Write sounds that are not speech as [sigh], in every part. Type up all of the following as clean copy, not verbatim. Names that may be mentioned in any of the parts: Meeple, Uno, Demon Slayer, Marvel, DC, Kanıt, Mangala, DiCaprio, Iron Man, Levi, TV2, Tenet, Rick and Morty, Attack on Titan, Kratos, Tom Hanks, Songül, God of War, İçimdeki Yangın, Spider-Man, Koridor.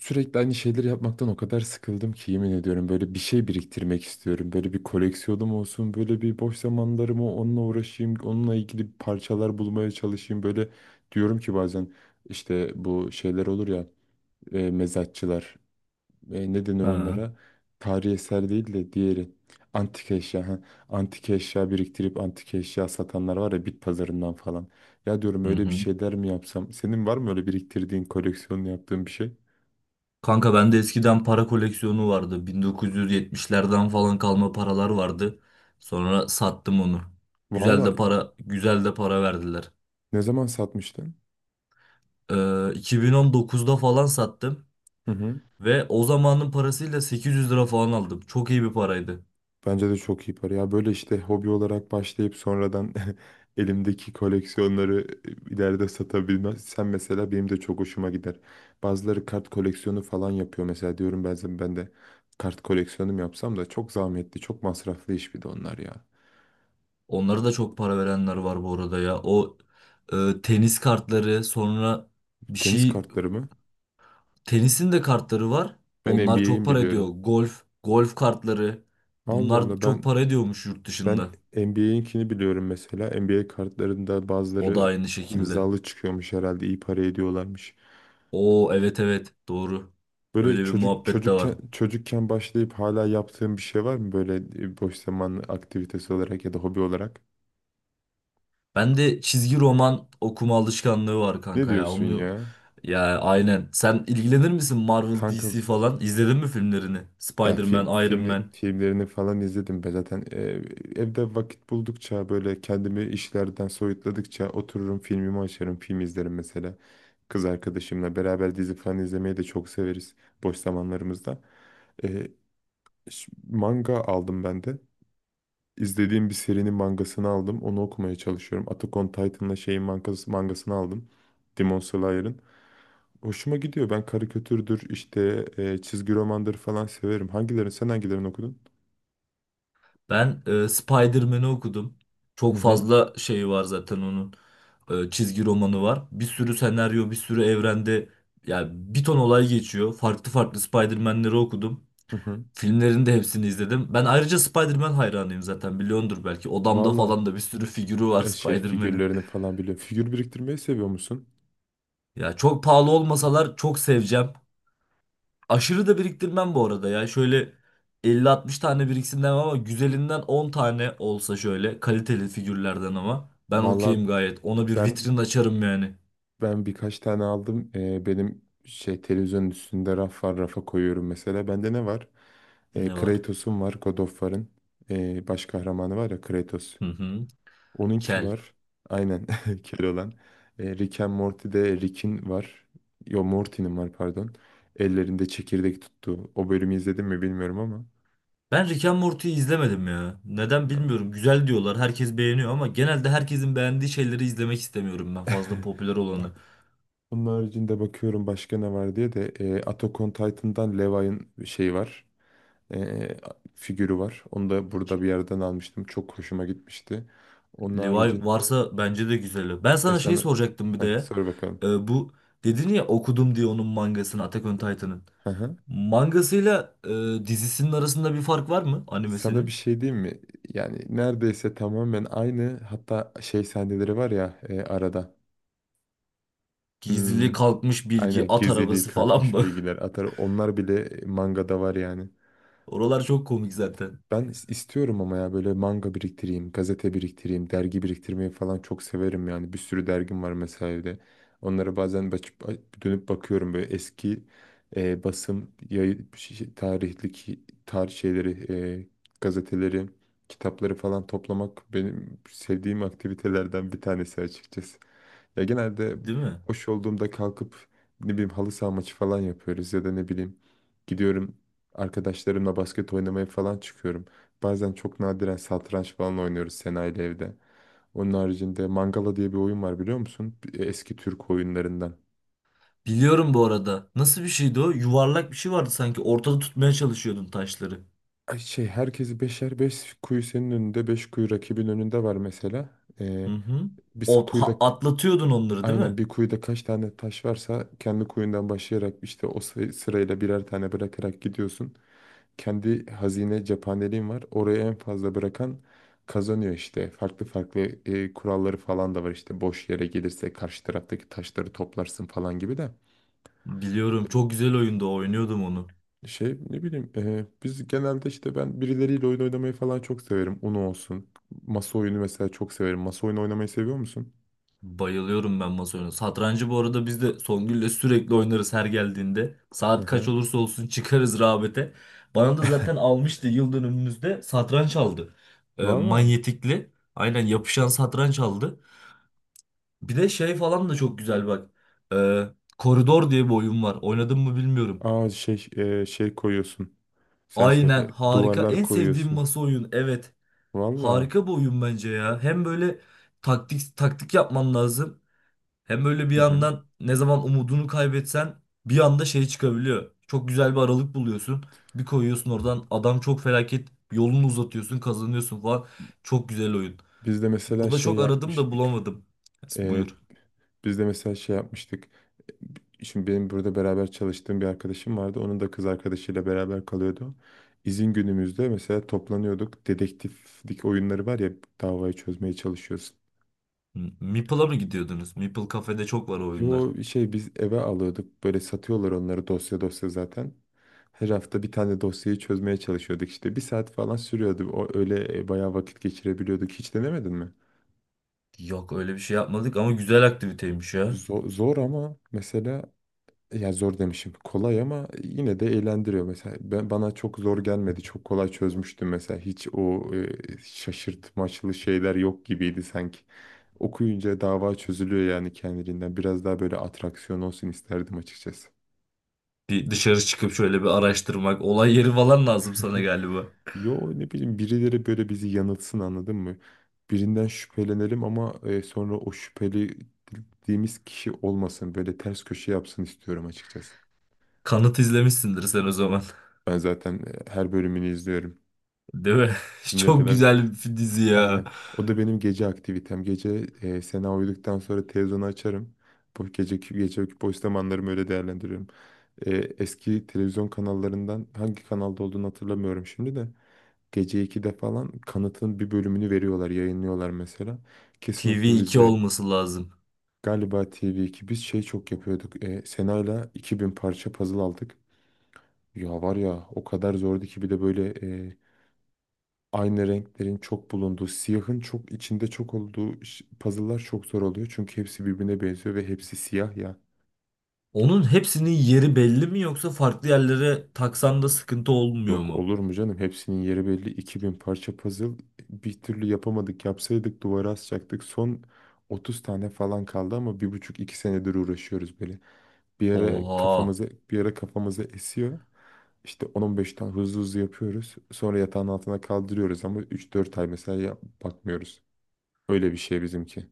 Sürekli aynı şeyleri yapmaktan o kadar sıkıldım ki yemin ediyorum böyle bir şey biriktirmek istiyorum. Böyle bir koleksiyonum olsun, böyle bir boş zamanlarımı onunla uğraşayım, onunla ilgili parçalar bulmaya çalışayım. Böyle diyorum ki bazen işte bu şeyler olur ya. Mezatçılar, ne denir Ha, onlara? Tarihi eser değil de diğeri, antik eşya. Ha. Antik eşya biriktirip antik eşya satanlar var ya, bit pazarından falan. Ya diyorum, hı öyle bir hı. şeyler mi yapsam? Senin var mı öyle biriktirdiğin, koleksiyonunu yaptığın bir şey? Kanka bende eskiden para koleksiyonu vardı. 1970'lerden falan kalma paralar vardı. Sonra sattım onu. Güzel Valla. de para, güzel de para verdiler. Ne zaman satmıştın? Ee, 2019'da falan sattım Hı hı. ve o zamanın parasıyla 800 lira falan aldım. Çok iyi bir paraydı. Bence de çok iyi para. Ya böyle işte hobi olarak başlayıp sonradan [laughs] elimdeki koleksiyonları ileride satabilmem. Sen mesela, benim de çok hoşuma gider. Bazıları kart koleksiyonu falan yapıyor mesela, diyorum ben de kart koleksiyonum yapsam, da çok zahmetli, çok masraflı iş bir de onlar ya. Onlara da çok para verenler var bu arada ya. O tenis kartları, sonra bir Tenis şey kartları mı? tenisin de kartları var. Ben Onlar çok NBA'in para ediyor. biliyorum. Golf, golf kartları. Allah Bunlar Allah, ben çok para ediyormuş yurt dışında. ben NBA'inkini biliyorum mesela. NBA kartlarında O da bazıları aynı şekilde. imzalı çıkıyormuş, herhalde iyi para ediyorlarmış. Oo, evet evet, doğru. Böyle Öyle bir çocuk muhabbet de var. çocukken çocukken başlayıp hala yaptığın bir şey var mı böyle, boş zaman aktivitesi olarak ya da hobi olarak? Ben de çizgi roman okuma alışkanlığı var Ne kanka ya. diyorsun Onu ya? ya aynen. Sen ilgilenir misin Marvel, Kanka, DC falan? İzledin mi filmlerini? ben film Spider-Man, Iron filmi Man. filmlerini falan izledim. Ben zaten evde vakit buldukça, böyle kendimi işlerden soyutladıkça otururum, filmimi açarım, film izlerim mesela. Kız arkadaşımla beraber dizi falan izlemeyi de çok severiz boş zamanlarımızda. E, Manga aldım ben de. İzlediğim bir serinin mangasını aldım. Onu okumaya çalışıyorum. Attack on Titan'la şeyin mangasını aldım. Demon Slayer'ın. Hoşuma gidiyor. Ben karikatürdür, işte çizgi romandır falan severim. Sen hangilerini okudun? Ben Spider-Man'i okudum. Hı Çok hı, fazla şeyi var zaten onun. Çizgi romanı var. Bir sürü senaryo, bir sürü evrende yani bir ton olay geçiyor. Farklı farklı Spider-Man'leri okudum. hı hı. Filmlerin de hepsini izledim. Ben ayrıca Spider-Man hayranıyım, zaten biliyordur belki. Odamda Valla, falan da bir sürü figürü var [laughs] şey, Spider-Man'in. figürlerini falan biliyorum. Figür biriktirmeyi seviyor musun? Ya çok pahalı olmasalar çok seveceğim. Aşırı da biriktirmem bu arada ya. Şöyle 50-60 tane biriksin demem ama güzelinden 10 tane olsa, şöyle kaliteli figürlerden, ama ben Valla, okeyim gayet. Ona bir ben vitrin açarım yani. Ben birkaç tane aldım. Benim şey, televizyonun üstünde raf var. Rafa koyuyorum mesela. Bende ne var? Ne var? Kratos'um var. God of War'ın baş kahramanı var ya, Kratos. Hı hı. Onunki Kel. var. Aynen. [laughs] Keloğlan. Rick and Morty'de Rick'in var. Yo, Morty'nin var, pardon. Ellerinde çekirdek tuttu. O bölümü izledim mi bilmiyorum ama. Ben Rick and Morty'yi izlemedim ya. Neden bilmiyorum. Güzel diyorlar. Herkes beğeniyor ama genelde herkesin beğendiği şeyleri izlemek istemiyorum ben. Fazla popüler Aa. olanı. Onun haricinde bakıyorum başka ne var diye de Attack on Titan'dan Levi'ın şeyi var, e, figürü var. Onu da burada bir yerden almıştım. Çok hoşuma gitmişti. Onun Levi haricinde varsa bence de güzel. Ben e sana şey sana soracaktım bir de heh, ya. sor bakalım. Bu dedin ya okudum diye onun mangasını, Attack on Titan'ın. Hı hı. Mangasıyla dizisinin arasında bir fark var mı, Sana bir animesinin? şey diyeyim mi? Yani neredeyse tamamen aynı, hatta şey sahneleri var ya, arada. Gizli Hmm, kalkmış bilgi, aynen, at gizliliği arabası falan kalkmış mı? bilgiler atar. Onlar bile mangada var yani. [laughs] Oralar çok komik zaten. Ben istiyorum ama, ya böyle manga biriktireyim, gazete biriktireyim, dergi biriktirmeyi falan çok severim yani. Bir sürü dergim var mesela evde. Onlara bazen açıp dönüp bakıyorum, böyle eski basım, yayı, tarih şeyleri, e, gazeteleri, kitapları falan toplamak benim sevdiğim aktivitelerden bir tanesi açıkçası. Ya genelde Değil mi? boş olduğumda kalkıp, ne bileyim, halı saha maçı falan yapıyoruz, ya da ne bileyim, gidiyorum, arkadaşlarımla basket oynamaya falan çıkıyorum. Bazen çok nadiren satranç falan oynuyoruz Sena ile evde. Onun haricinde Mangala diye bir oyun var, biliyor musun? Eski Türk oyunlarından. Biliyorum bu arada. Nasıl bir şeydi o? Yuvarlak bir şey vardı sanki. Ortada tutmaya çalışıyordun taşları. Ay, şey, herkesi beşer, beş kuyu senin önünde, beş kuyu rakibin önünde var mesela. Hı Ee, hı. Biz kuyuda. Atlatıyordun onları değil Aynen, mi? bir kuyuda kaç tane taş varsa, kendi kuyundan başlayarak işte o sırayla birer tane bırakarak gidiyorsun. Kendi hazine cephaneliğin var. Oraya en fazla bırakan kazanıyor işte. Farklı farklı kuralları falan da var işte. Boş yere gelirse karşı taraftaki taşları toplarsın falan gibi de. Biliyorum. Çok güzel oyunda oynuyordum onu. Şey, ne bileyim, biz genelde, işte, ben birileriyle oyun oynamayı falan çok severim. Uno olsun. Masa oyunu mesela çok severim. Masa oyunu oynamayı seviyor musun? Bayılıyorum ben masa oyunu. Satrancı bu arada biz de Songül'le sürekli oynarız her geldiğinde. Hı Saat kaç hı. olursa olsun çıkarız rağbete. Bana da zaten almıştı, yıl dönümümüzde satranç aldı. Valla. Manyetikli. Aynen, yapışan satranç aldı. Bir de şey falan da çok güzel bak. Ee, Koridor diye bir oyun var. Oynadın mı bilmiyorum. Aa, şey, şey koyuyorsun. Sen söyle. Aynen, harika. Duvarlar En sevdiğim koyuyorsun. masa oyun. Evet. Valla. Harika bir oyun bence ya. Hem böyle taktik taktik yapman lazım. Hem böyle bir Hı hı. yandan ne zaman umudunu kaybetsen bir anda şey çıkabiliyor. Çok güzel bir aralık buluyorsun. Bir koyuyorsun oradan adam, çok felaket yolunu uzatıyorsun, kazanıyorsun falan. Çok güzel oyun. Biz de mesela Burada şey çok aradım da yapmıştık. bulamadım. Yes, E, buyur. Biz de mesela şey yapmıştık. Şimdi benim burada beraber çalıştığım bir arkadaşım vardı. Onun da kız arkadaşıyla beraber kalıyordu. İzin günümüzde mesela toplanıyorduk. Dedektiflik oyunları var ya, davayı çözmeye çalışıyorsun. Meeple'a mı gidiyordunuz? Meeple kafede çok var o oyunlar. Yo, şey, biz eve alıyorduk. Böyle satıyorlar onları, dosya dosya zaten. Her hafta bir tane dosyayı çözmeye çalışıyorduk işte. Bir saat falan sürüyordu. O öyle bayağı vakit geçirebiliyorduk. Hiç denemedin mi? Yok, öyle bir şey yapmadık ama güzel aktiviteymiş ya. Zor, zor ama mesela, ya zor demişim. Kolay, ama yine de eğlendiriyor. Mesela ben, bana çok zor gelmedi. Çok kolay çözmüştüm mesela. Hiç o şaşırtmaçlı şeyler yok gibiydi sanki. Okuyunca dava çözülüyor yani, kendiliğinden. Biraz daha böyle atraksiyon olsun isterdim açıkçası. Bir dışarı çıkıp şöyle bir araştırmak. Olay yeri falan lazım sana galiba. [laughs] Yo, ne bileyim, birileri böyle bizi yanıltsın, anladın mı? Birinden şüphelenelim ama sonra o şüphelediğimiz kişi olmasın. Böyle ters köşe yapsın istiyorum açıkçası. Kanıt izlemişsindir sen o zaman. Ben zaten her bölümünü izliyorum. [laughs] Değil mi? [laughs] Şimdiye Çok kadar, güzel bir dizi ya. aynen. O da benim gece aktivitem. Gece Sena uyuduktan sonra televizyonu açarım. Bu geceki boş zamanlarımı öyle değerlendiriyorum. Eski televizyon kanallarından hangi kanalda olduğunu hatırlamıyorum şimdi de. Gece 2'de falan kanıtın bir bölümünü veriyorlar, yayınlıyorlar mesela. Kesin tv oturur iki izlerim. olması lazım. Galiba TV2. Biz şey çok yapıyorduk. Sena'yla 2000 parça puzzle aldık. Ya var ya, o kadar zordu ki, bir de böyle e, aynı renklerin çok bulunduğu, siyahın çok içinde çok olduğu puzzle'lar çok zor oluyor. Çünkü hepsi birbirine benziyor ve hepsi siyah yani. Onun hepsinin yeri belli mi, yoksa farklı yerlere taksan da sıkıntı olmuyor Yok, mu? olur mu canım? Hepsinin yeri belli. 2000 parça puzzle. Bir türlü yapamadık. Yapsaydık duvara asacaktık. Son 30 tane falan kaldı ama bir buçuk iki senedir uğraşıyoruz böyle. Bir ara Oha. kafamıza bir ara kafamıza esiyor. İşte 10-15 tane hızlı hızlı yapıyoruz. Sonra yatağın altına kaldırıyoruz, ama 3-4 ay mesela bakmıyoruz. Öyle bir şey bizimki.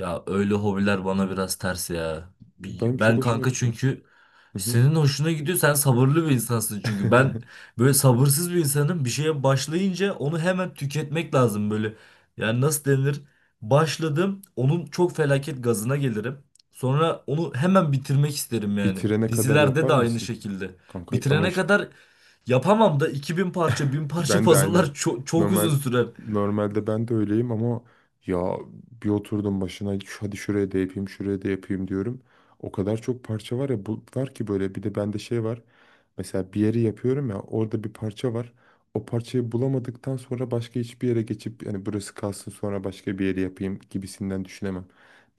Ya öyle hobiler bana biraz ters ya. Benim çok Ben hoşuma kanka, gidiyor. çünkü Hı hı. senin hoşuna gidiyor. Sen sabırlı bir insansın çünkü. Ben [laughs] böyle sabırsız bir insanım. Bir şeye başlayınca onu hemen tüketmek lazım böyle. Yani nasıl denir? Başladım. Onun çok felaket gazına gelirim. Sonra onu hemen bitirmek isterim yani. Bitirene kadar Dizilerde yapar de aynı mısın? şekilde. Kanka ama Bitirene işte, kadar yapamam da 2000 parça, 1000 parça [laughs] ben de aynen. puzzle'lar çok, çok Normal uzun sürer. normalde ben de öyleyim ama, ya, bir oturdum başına, Hadi şuraya da yapayım, şuraya da yapayım," diyorum. O kadar çok parça var ya, bu var ki, böyle bir de bende şey var. Mesela bir yeri yapıyorum ya, orada bir parça var. O parçayı bulamadıktan sonra başka hiçbir yere geçip, yani, burası kalsın, sonra başka bir yeri yapayım, gibisinden düşünemem.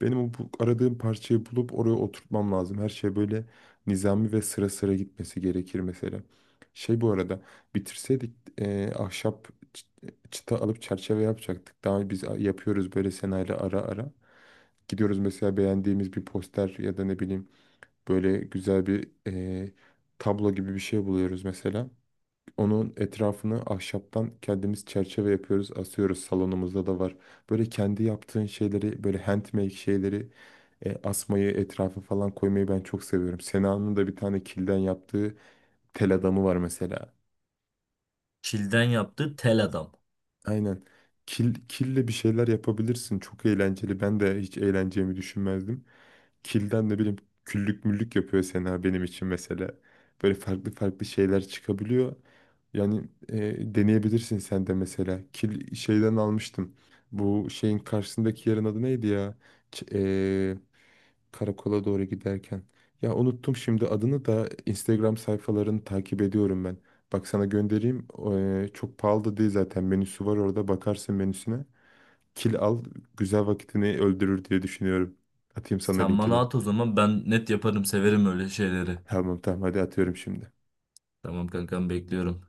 Benim o aradığım parçayı bulup oraya oturtmam lazım. Her şey böyle nizami ve sıra sıra gitmesi gerekir mesela. Şey, bu arada, bitirseydik ahşap çıta alıp çerçeve yapacaktık. Daha biz yapıyoruz böyle Sena'yla ara ara. Gidiyoruz mesela, beğendiğimiz bir poster ya da ne bileyim, böyle güzel bir tablo gibi bir şey buluyoruz mesela. Onun etrafını ahşaptan kendimiz çerçeve yapıyoruz, asıyoruz. Salonumuzda da var. Böyle kendi yaptığın şeyleri, böyle handmade şeyleri asmayı, etrafa falan koymayı ben çok seviyorum. Sena'nın da bir tane kilden yaptığı tel adamı var mesela. Çilden yaptığı tel adam. Aynen. Kille bir şeyler yapabilirsin. Çok eğlenceli. Ben de hiç eğleneceğimi düşünmezdim. Kilden, ne bileyim, küllük müllük yapıyor Sena benim için mesela. Böyle farklı farklı şeyler çıkabiliyor. Yani, deneyebilirsin sen de mesela. Kil şeyden almıştım. Bu şeyin karşısındaki yerin adı neydi ya? Ç- e, Karakola doğru giderken. Ya, unuttum şimdi adını da. Instagram sayfalarını takip ediyorum ben. Bak, sana göndereyim. O, çok pahalı da değil zaten. Menüsü var orada. Bakarsın menüsüne. Kil al. Güzel vakitini öldürür diye düşünüyorum. Atayım sana Sen bana linkini. at o zaman, ben net yaparım, severim öyle şeyleri. Tamam tamam, hadi atıyorum şimdi. Tamam kankam, bekliyorum.